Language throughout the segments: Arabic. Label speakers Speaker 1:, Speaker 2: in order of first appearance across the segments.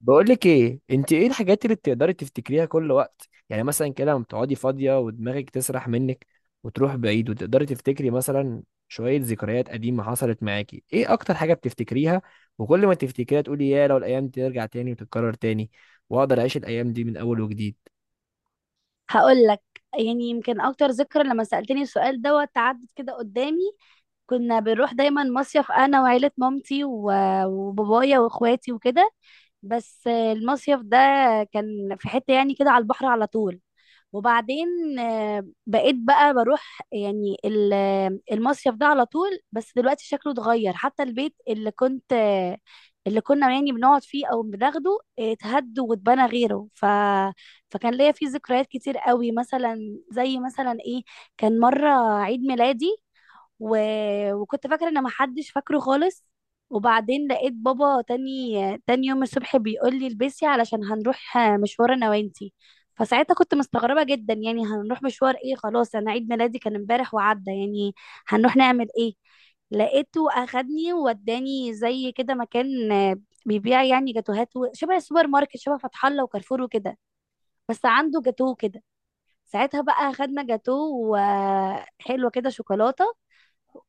Speaker 1: بقولك ايه، انت ايه الحاجات اللي بتقدري تفتكريها كل وقت؟ يعني مثلا كده لما بتقعدي فاضية ودماغك تسرح منك وتروح بعيد وتقدري تفتكري مثلا شوية ذكريات قديمة حصلت معاكي. ايه اكتر حاجة بتفتكريها وكل ما تفتكريها تقولي يا لو الايام دي ترجع تاني وتتكرر تاني واقدر اعيش الايام دي من اول وجديد.
Speaker 2: هقول لك. يعني يمكن اكتر ذكرى لما سألتني السؤال دوت عدت كده قدامي. كنا بنروح دايما مصيف انا وعيلة مامتي وبابايا واخواتي وكده. بس المصيف ده كان في حتة يعني كده على البحر على طول. وبعدين بقيت بقى بروح يعني المصيف ده على طول. بس دلوقتي شكله اتغير، حتى البيت اللي كنت آه، اللي كنا يعني بنقعد فيه او بناخده اتهد واتبنى غيره فكان ليا فيه ذكريات كتير قوي. مثلا زي مثلا ايه؟ كان مرة عيد ميلادي و... وكنت فاكره ان محدش فاكره خالص. وبعدين لقيت بابا تاني يوم الصبح بيقول لي البسي علشان هنروح مشوار انا وانتي. فساعتها كنت مستغربه جدا، يعني هنروح مشوار ايه؟ خلاص انا عيد ميلادي كان امبارح وعدى، يعني هنروح نعمل ايه؟ لقيته اخدني ووداني زي كده مكان بيبيع يعني جاتوهات شبه السوبر ماركت شبه فتح الله وكارفور وكده. بس عنده جاتوه كده. ساعتها بقى اخدنا جاتوه وحلوه كده شوكولاته.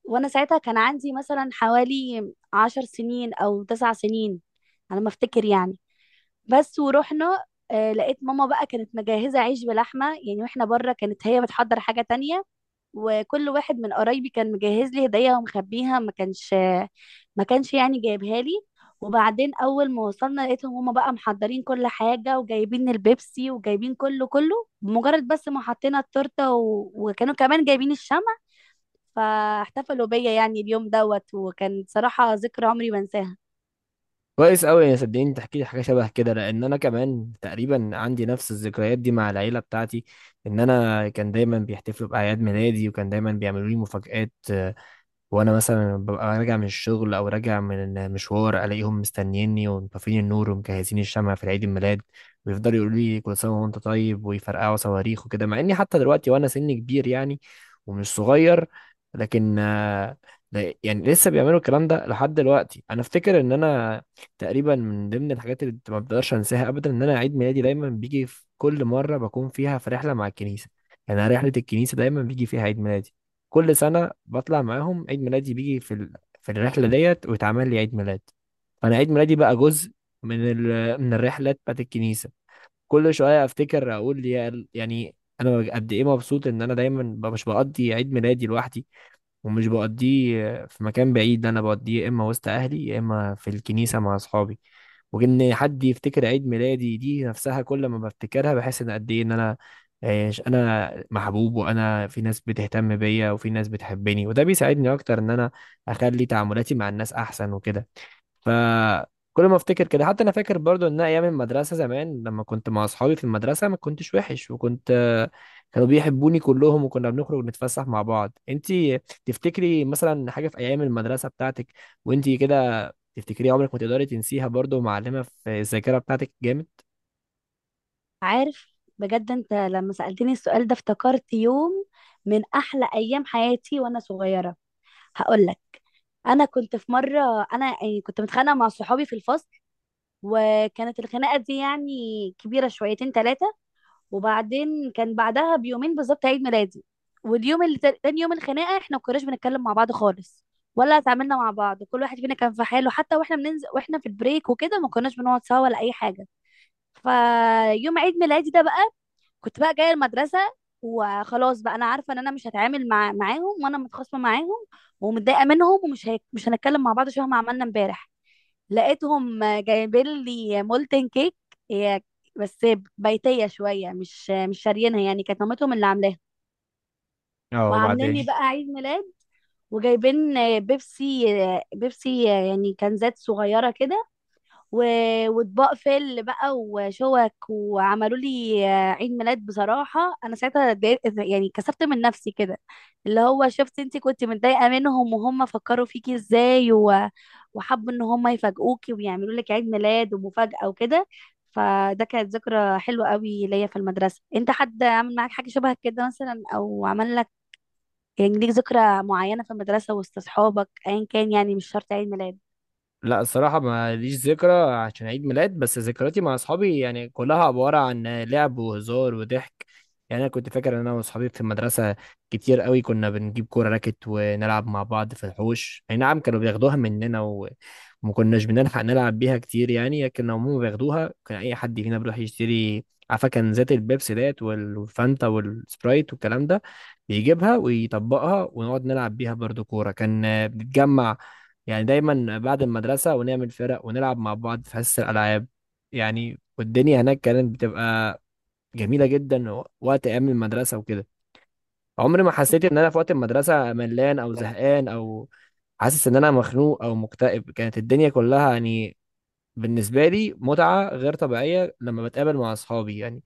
Speaker 2: وانا ساعتها كان عندي مثلا حوالي 10 سنين او 9 سنين، على ما افتكر يعني. بس ورحنا. لقيت ماما بقى كانت مجهزة عيش بلحمة، يعني واحنا بره كانت هي بتحضر حاجة تانية. وكل واحد من قرايبي كان مجهز لي هدية ومخبيها، ما كانش يعني جايبها لي. وبعدين اول ما وصلنا لقيتهم هما بقى محضرين كل حاجة وجايبين البيبسي وجايبين كله كله. بمجرد بس ما حطينا التورتة وكانوا كمان جايبين الشمع، فاحتفلوا بيا يعني اليوم دوت وكان صراحة ذكرى عمري ما انساها.
Speaker 1: كويس قوي يا صدقيني، تحكي لي حاجة شبه كده، لان انا كمان تقريبا عندي نفس الذكريات دي مع العيلة بتاعتي. ان انا كان دايما بيحتفلوا باعياد ميلادي وكان دايما بيعملوا لي مفاجآت. وانا مثلا ببقى راجع من الشغل او راجع من مشوار الاقيهم مستنيني ومطفين النور ومجهزين الشمع في عيد الميلاد، ويفضلوا يقولوا لي كل سنه وانت طيب ويفرقعوا صواريخ وكده، مع اني حتى دلوقتي وانا سني كبير يعني ومش صغير. لكن يعني لسه بيعملوا الكلام ده لحد دلوقتي. انا افتكر ان انا تقريبا من ضمن الحاجات اللي ما بقدرش انساها ابدا ان انا عيد ميلادي دايما بيجي في كل مره بكون فيها في رحله مع الكنيسه. يعني أنا رحله الكنيسه دايما بيجي فيها عيد ميلادي، كل سنة بطلع معاهم عيد ميلادي بيجي في في الرحلة ديت ويتعمل لي عيد ميلاد. فأنا عيد ميلادي بقى جزء من من الرحلات بتاعت الكنيسة. كل شوية أفتكر أقول يا يعني أنا قد إيه مبسوط إن أنا دايما مش بقضي عيد ميلادي لوحدي ومش بقضيه في مكان بعيد، أنا بقضيه يا إما وسط أهلي يا إما في الكنيسة مع أصحابي. وان حد يفتكر عيد ميلادي دي نفسها كل ما بفتكرها بحس ان قد ايه ان انا انا محبوب وانا في ناس بتهتم بيا وفي ناس بتحبني، وده بيساعدني اكتر ان انا اخلي تعاملاتي مع الناس احسن وكده. فكل ما افتكر كده حتى انا فاكر برضو ان أنا ايام المدرسه زمان لما كنت مع اصحابي في المدرسه ما كنتش وحش، وكنت كانوا بيحبوني كلهم وكنا بنخرج نتفسح مع بعض. انتي تفتكري مثلا حاجه في ايام المدرسه بتاعتك وانتي كده تفتكريها عمرك ما تقدري تنسيها برضو، معلمه في الذاكره بتاعتك جامد؟
Speaker 2: عارف بجد؟ انت لما سألتني السؤال ده افتكرت يوم من احلى ايام حياتي وانا صغيرة. هقول لك. انا كنت في مرة، انا يعني كنت متخانقة مع صحابي في الفصل. وكانت الخناقة دي يعني كبيرة شويتين ثلاثة. وبعدين كان بعدها بيومين بالظبط عيد ميلادي. واليوم اللي تاني يوم الخناقه احنا ما كناش بنتكلم مع بعض خالص، ولا اتعاملنا مع بعض. كل واحد فينا كان في حاله، حتى واحنا بننزل واحنا في البريك وكده ما كناش بنقعد سوا ولا اي حاجه. فيوم عيد ميلادي ده بقى كنت بقى جايه المدرسه، وخلاص بقى انا عارفه ان انا مش هتعامل معاهم وانا متخاصمه معاهم ومتضايقه منهم، ومش هيك مش هنتكلم مع بعض شبه ما عملنا امبارح. لقيتهم جايبين لي مولتن كيك. هي بس بيتيه شويه، مش شاريينها يعني، كانت مامتهم اللي عاملاها.
Speaker 1: اه
Speaker 2: وعاملين لي
Speaker 1: وبعدين،
Speaker 2: بقى عيد ميلاد، وجايبين بيبسي. بيبسي يعني كنزات صغيره كده. و... واطباق فل بقى وشوك وعملوا لي عيد ميلاد. بصراحه انا ساعتها اتضايقت، يعني كسرت من نفسي كده. اللي هو شفت انت كنت متضايقه منهم وهم فكروا فيكي ازاي، وحبوا ان هم يفاجئوكي ويعملوا لك عيد ميلاد ومفاجاه وكده. فده كانت ذكرى حلوه قوي ليا في المدرسه. انت حد عمل معاك حاجه شبه كده مثلا؟ او عمل لك يعني ليك ذكرى معينه في المدرسه وسط اصحابك ايا كان؟ يعني مش شرط عيد ميلاد.
Speaker 1: لا الصراحة ما ليش ذكرى عشان عيد ميلاد، بس ذكرياتي مع أصحابي يعني كلها عبارة عن لعب وهزار وضحك. يعني أنا كنت فاكر إن أنا وأصحابي في المدرسة كتير قوي كنا بنجيب كورة راكت ونلعب مع بعض في الحوش. أي نعم كانوا بياخدوها مننا وما كناش بنلحق نلعب بيها كتير يعني، لكن هم بياخدوها. كان أي حد فينا بيروح يشتري، عارفة، كان ذات البيبسي ديت والفانتا والسبرايت والكلام ده، بيجيبها ويطبقها ونقعد نلعب بيها برضو كورة. كان بنتجمع يعني دايما بعد المدرسة ونعمل فرق ونلعب مع بعض في حصة الألعاب. يعني والدنيا هناك كانت بتبقى جميلة جدا وقت أيام المدرسة وكده. عمري ما حسيت إن أنا في وقت المدرسة ملان أو زهقان أو حاسس إن أنا مخنوق أو مكتئب. كانت الدنيا كلها يعني بالنسبة لي متعة غير طبيعية لما بتقابل مع أصحابي يعني.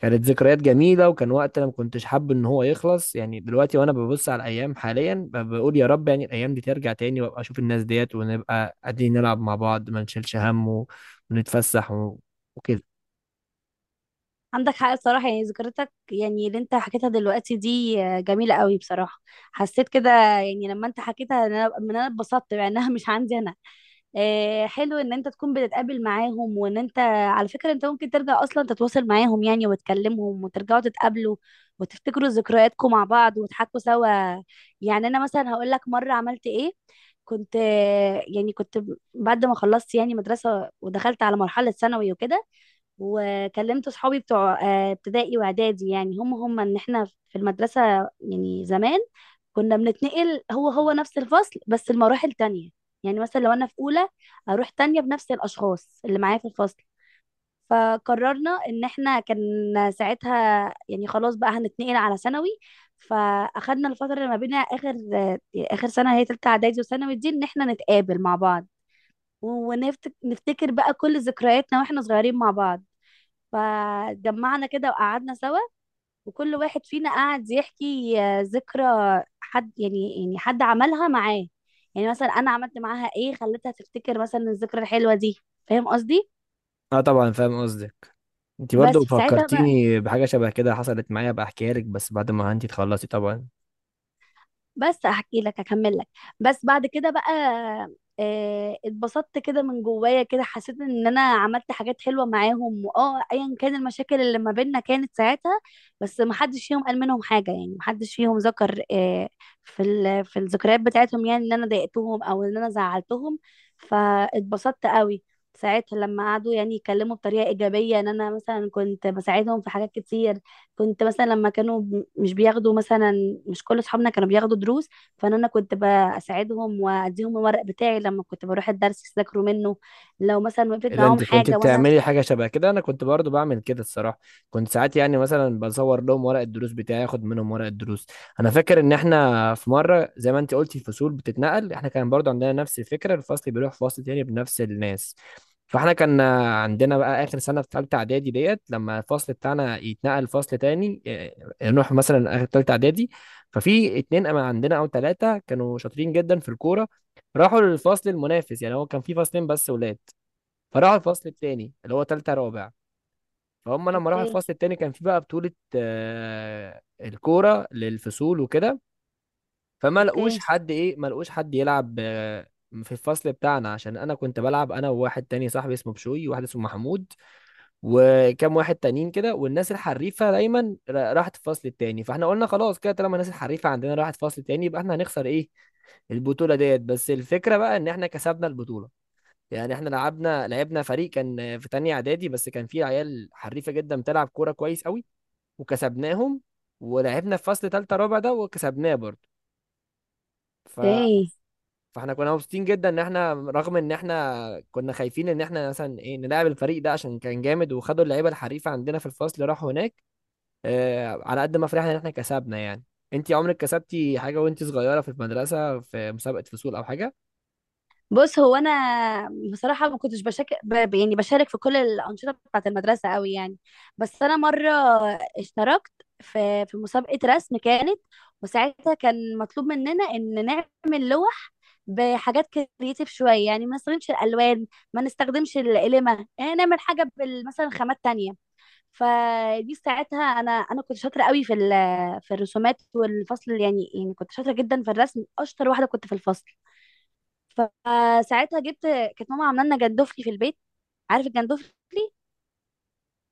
Speaker 1: كانت ذكريات جميلة وكان وقت أنا ما كنتش حابب إن هو يخلص. يعني دلوقتي وأنا ببص على الأيام حاليا بقول يا رب يعني الأيام دي ترجع تاني وأبقى أشوف الناس ديت ونبقى قاعدين نلعب مع بعض ما نشيلش هم ونتفسح وكده.
Speaker 2: عندك حق بصراحة. يعني ذكرتك يعني اللي انت حكيتها دلوقتي دي جميلة قوي بصراحة. حسيت كده يعني لما انت حكيتها ان انا اتبسطت، مع انها مش عندي انا. حلو ان انت تكون بتتقابل معاهم، وان انت على فكرة انت ممكن ترجع اصلا تتواصل معاهم يعني وتكلمهم وترجعوا تتقابلوا وتفتكروا ذكرياتكم مع بعض وتحكوا سوا. يعني انا مثلا هقول لك مرة عملت ايه. كنت يعني كنت بعد ما خلصت يعني مدرسة ودخلت على مرحلة ثانوي وكده، وكلمت صحابي بتوع ابتدائي واعدادي. يعني هم هم ان احنا في المدرسة يعني زمان كنا بنتنقل هو هو نفس الفصل بس المراحل تانية. يعني مثلا لو انا في اولى اروح تانية بنفس الاشخاص اللي معايا في الفصل. فقررنا ان احنا، كان ساعتها يعني خلاص بقى هنتنقل على ثانوي، فاخدنا الفترة اللي ما بينها اخر سنة هي تالتة اعدادي وثانوي دي، ان احنا نتقابل مع بعض ونفتكر بقى كل ذكرياتنا واحنا صغيرين مع بعض. فجمعنا كده وقعدنا سوا، وكل واحد فينا قعد يحكي ذكرى حد، يعني حد عملها معاه. يعني مثلا انا عملت معاها ايه خلتها تفتكر مثلا الذكرى الحلوه دي. فاهم قصدي؟
Speaker 1: أه طبعا فاهم قصدك. أنت برضو
Speaker 2: بس في ساعتها بقى،
Speaker 1: فكرتيني بحاجة شبه كده حصلت معايا، بقى أحكيها لك بس بعد ما أنت تخلصي طبعا.
Speaker 2: بس هحكي لك هكمل لك بس بعد كده بقى. اتبسطت كده من جوايا كده، حسيت ان انا عملت حاجات حلوه معاهم، واه ايا كان المشاكل اللي ما بيننا كانت ساعتها. بس ما حدش فيهم قال منهم حاجه، يعني ما حدش فيهم ذكر في الذكريات بتاعتهم يعني ان انا ضايقتهم او ان انا زعلتهم. فاتبسطت قوي ساعتها لما قعدوا يعني يتكلموا بطريقه ايجابيه، ان انا مثلا كنت بساعدهم في حاجات كتير. كنت مثلا لما كانوا مش بياخدوا مثلا، مش كل اصحابنا كانوا بياخدوا دروس. فانا كنت بساعدهم واديهم الورق بتاعي لما كنت بروح الدرس يذاكروا منه. لو مثلا وقفت
Speaker 1: إيه ده،
Speaker 2: معاهم
Speaker 1: انت كنت
Speaker 2: حاجه وانا.
Speaker 1: بتعملي حاجه شبه كده؟ انا كنت برضو بعمل كده الصراحه، كنت ساعات يعني مثلا بصور لهم ورق الدروس بتاعي، اخد منهم ورق الدروس. انا فاكر ان احنا في مره زي ما انت قلتي الفصول بتتنقل، احنا كان برضو عندنا نفس الفكره، الفصل بيروح فصل تاني بنفس الناس. فاحنا كان عندنا بقى اخر سنه في ثالثه اعدادي ديت، لما الفصل بتاعنا يتنقل فصل تاني إيه، نروح مثلا اخر ثالثه اعدادي. ففي اتنين أما عندنا او ثلاثه كانوا شاطرين جدا في الكوره، راحوا للفصل المنافس. يعني هو كان في فصلين بس ولاد، فراحوا الفصل التاني اللي هو تالتة رابع. فهم لما راحوا
Speaker 2: اوكي.
Speaker 1: الفصل التاني كان في بقى بطولة الكورة للفصول وكده. فما لقوش
Speaker 2: اوكي.
Speaker 1: حد ايه، ما لقوش حد يلعب في الفصل بتاعنا، عشان انا كنت بلعب انا وواحد تاني صاحبي اسمه بشوي وواحد اسمه محمود وكام واحد تانيين كده. والناس الحريفة دايما راحت الفصل التاني، فاحنا قلنا خلاص كده طالما الناس الحريفة عندنا راحت الفصل التاني يبقى احنا هنخسر ايه البطولة ديت. بس الفكرة بقى ان احنا كسبنا البطولة. يعني احنا لعبنا فريق كان في تانية اعدادي بس كان فيه عيال حريفة جدا بتلعب كورة كويس قوي وكسبناهم، ولعبنا في فصل تالتة رابع ده وكسبناه برضه. ف...
Speaker 2: اوكي.
Speaker 1: فاحنا كنا مبسوطين جدا ان احنا رغم ان احنا كنا خايفين ان احنا مثلا ايه نلعب الفريق ده عشان كان جامد وخدوا اللعيبة الحريفة عندنا في الفصل راحوا هناك. اه على قد ما فرحنا ان احنا كسبنا يعني. انتي عمرك كسبتي حاجة وانتي صغيرة في المدرسة في مسابقة فصول او حاجة؟
Speaker 2: بص هو انا بصراحه ما كنتش يعني بشارك في كل الانشطه بتاعه المدرسه قوي يعني. بس انا مره اشتركت في مسابقه رسم كانت، وساعتها كان مطلوب مننا ان نعمل لوح بحاجات كرييتيف شويه، يعني ما نستخدمش الالوان، ما نستخدمش القلمه، يعني نعمل حاجه مثلا خامات تانية. فدي ساعتها انا كنت شاطره قوي في الرسومات والفصل، يعني كنت شاطره جدا في الرسم، اشطر واحده كنت في الفصل. فساعتها جبت، كانت ماما عامله لنا جندفلي في البيت. عارف الجندفلي؟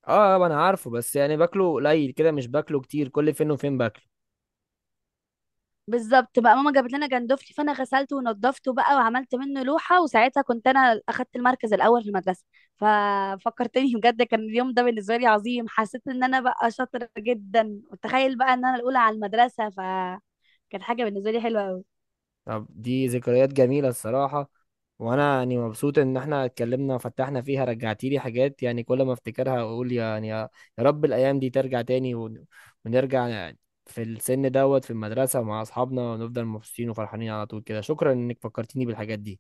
Speaker 1: اه. انا عارفه، بس يعني باكله قليل كده مش باكله كتير، كل فين وفين باكله.
Speaker 2: بالظبط بقى ماما جابت لنا جندفلي، فانا غسلته ونضفته بقى وعملت منه لوحه. وساعتها كنت انا اخدت المركز الاول في المدرسه. ففكرتني بجد، كان اليوم ده بالنسبه لي عظيم. حسيت ان انا بقى شاطره جدا، وتخيل بقى ان انا الاولى على المدرسه. فكانت حاجه بالنسبه لي حلوه قوي.
Speaker 1: طب دي ذكريات جميلة الصراحة، وانا يعني مبسوط ان احنا اتكلمنا وفتحنا فيها، رجعتي لي حاجات يعني كل ما افتكرها اقول يعني يا يا رب الايام دي ترجع تاني ونرجع يعني في السن دوت في المدرسة مع اصحابنا ونفضل مبسوطين وفرحانين على طول كده. شكرا انك فكرتيني بالحاجات دي.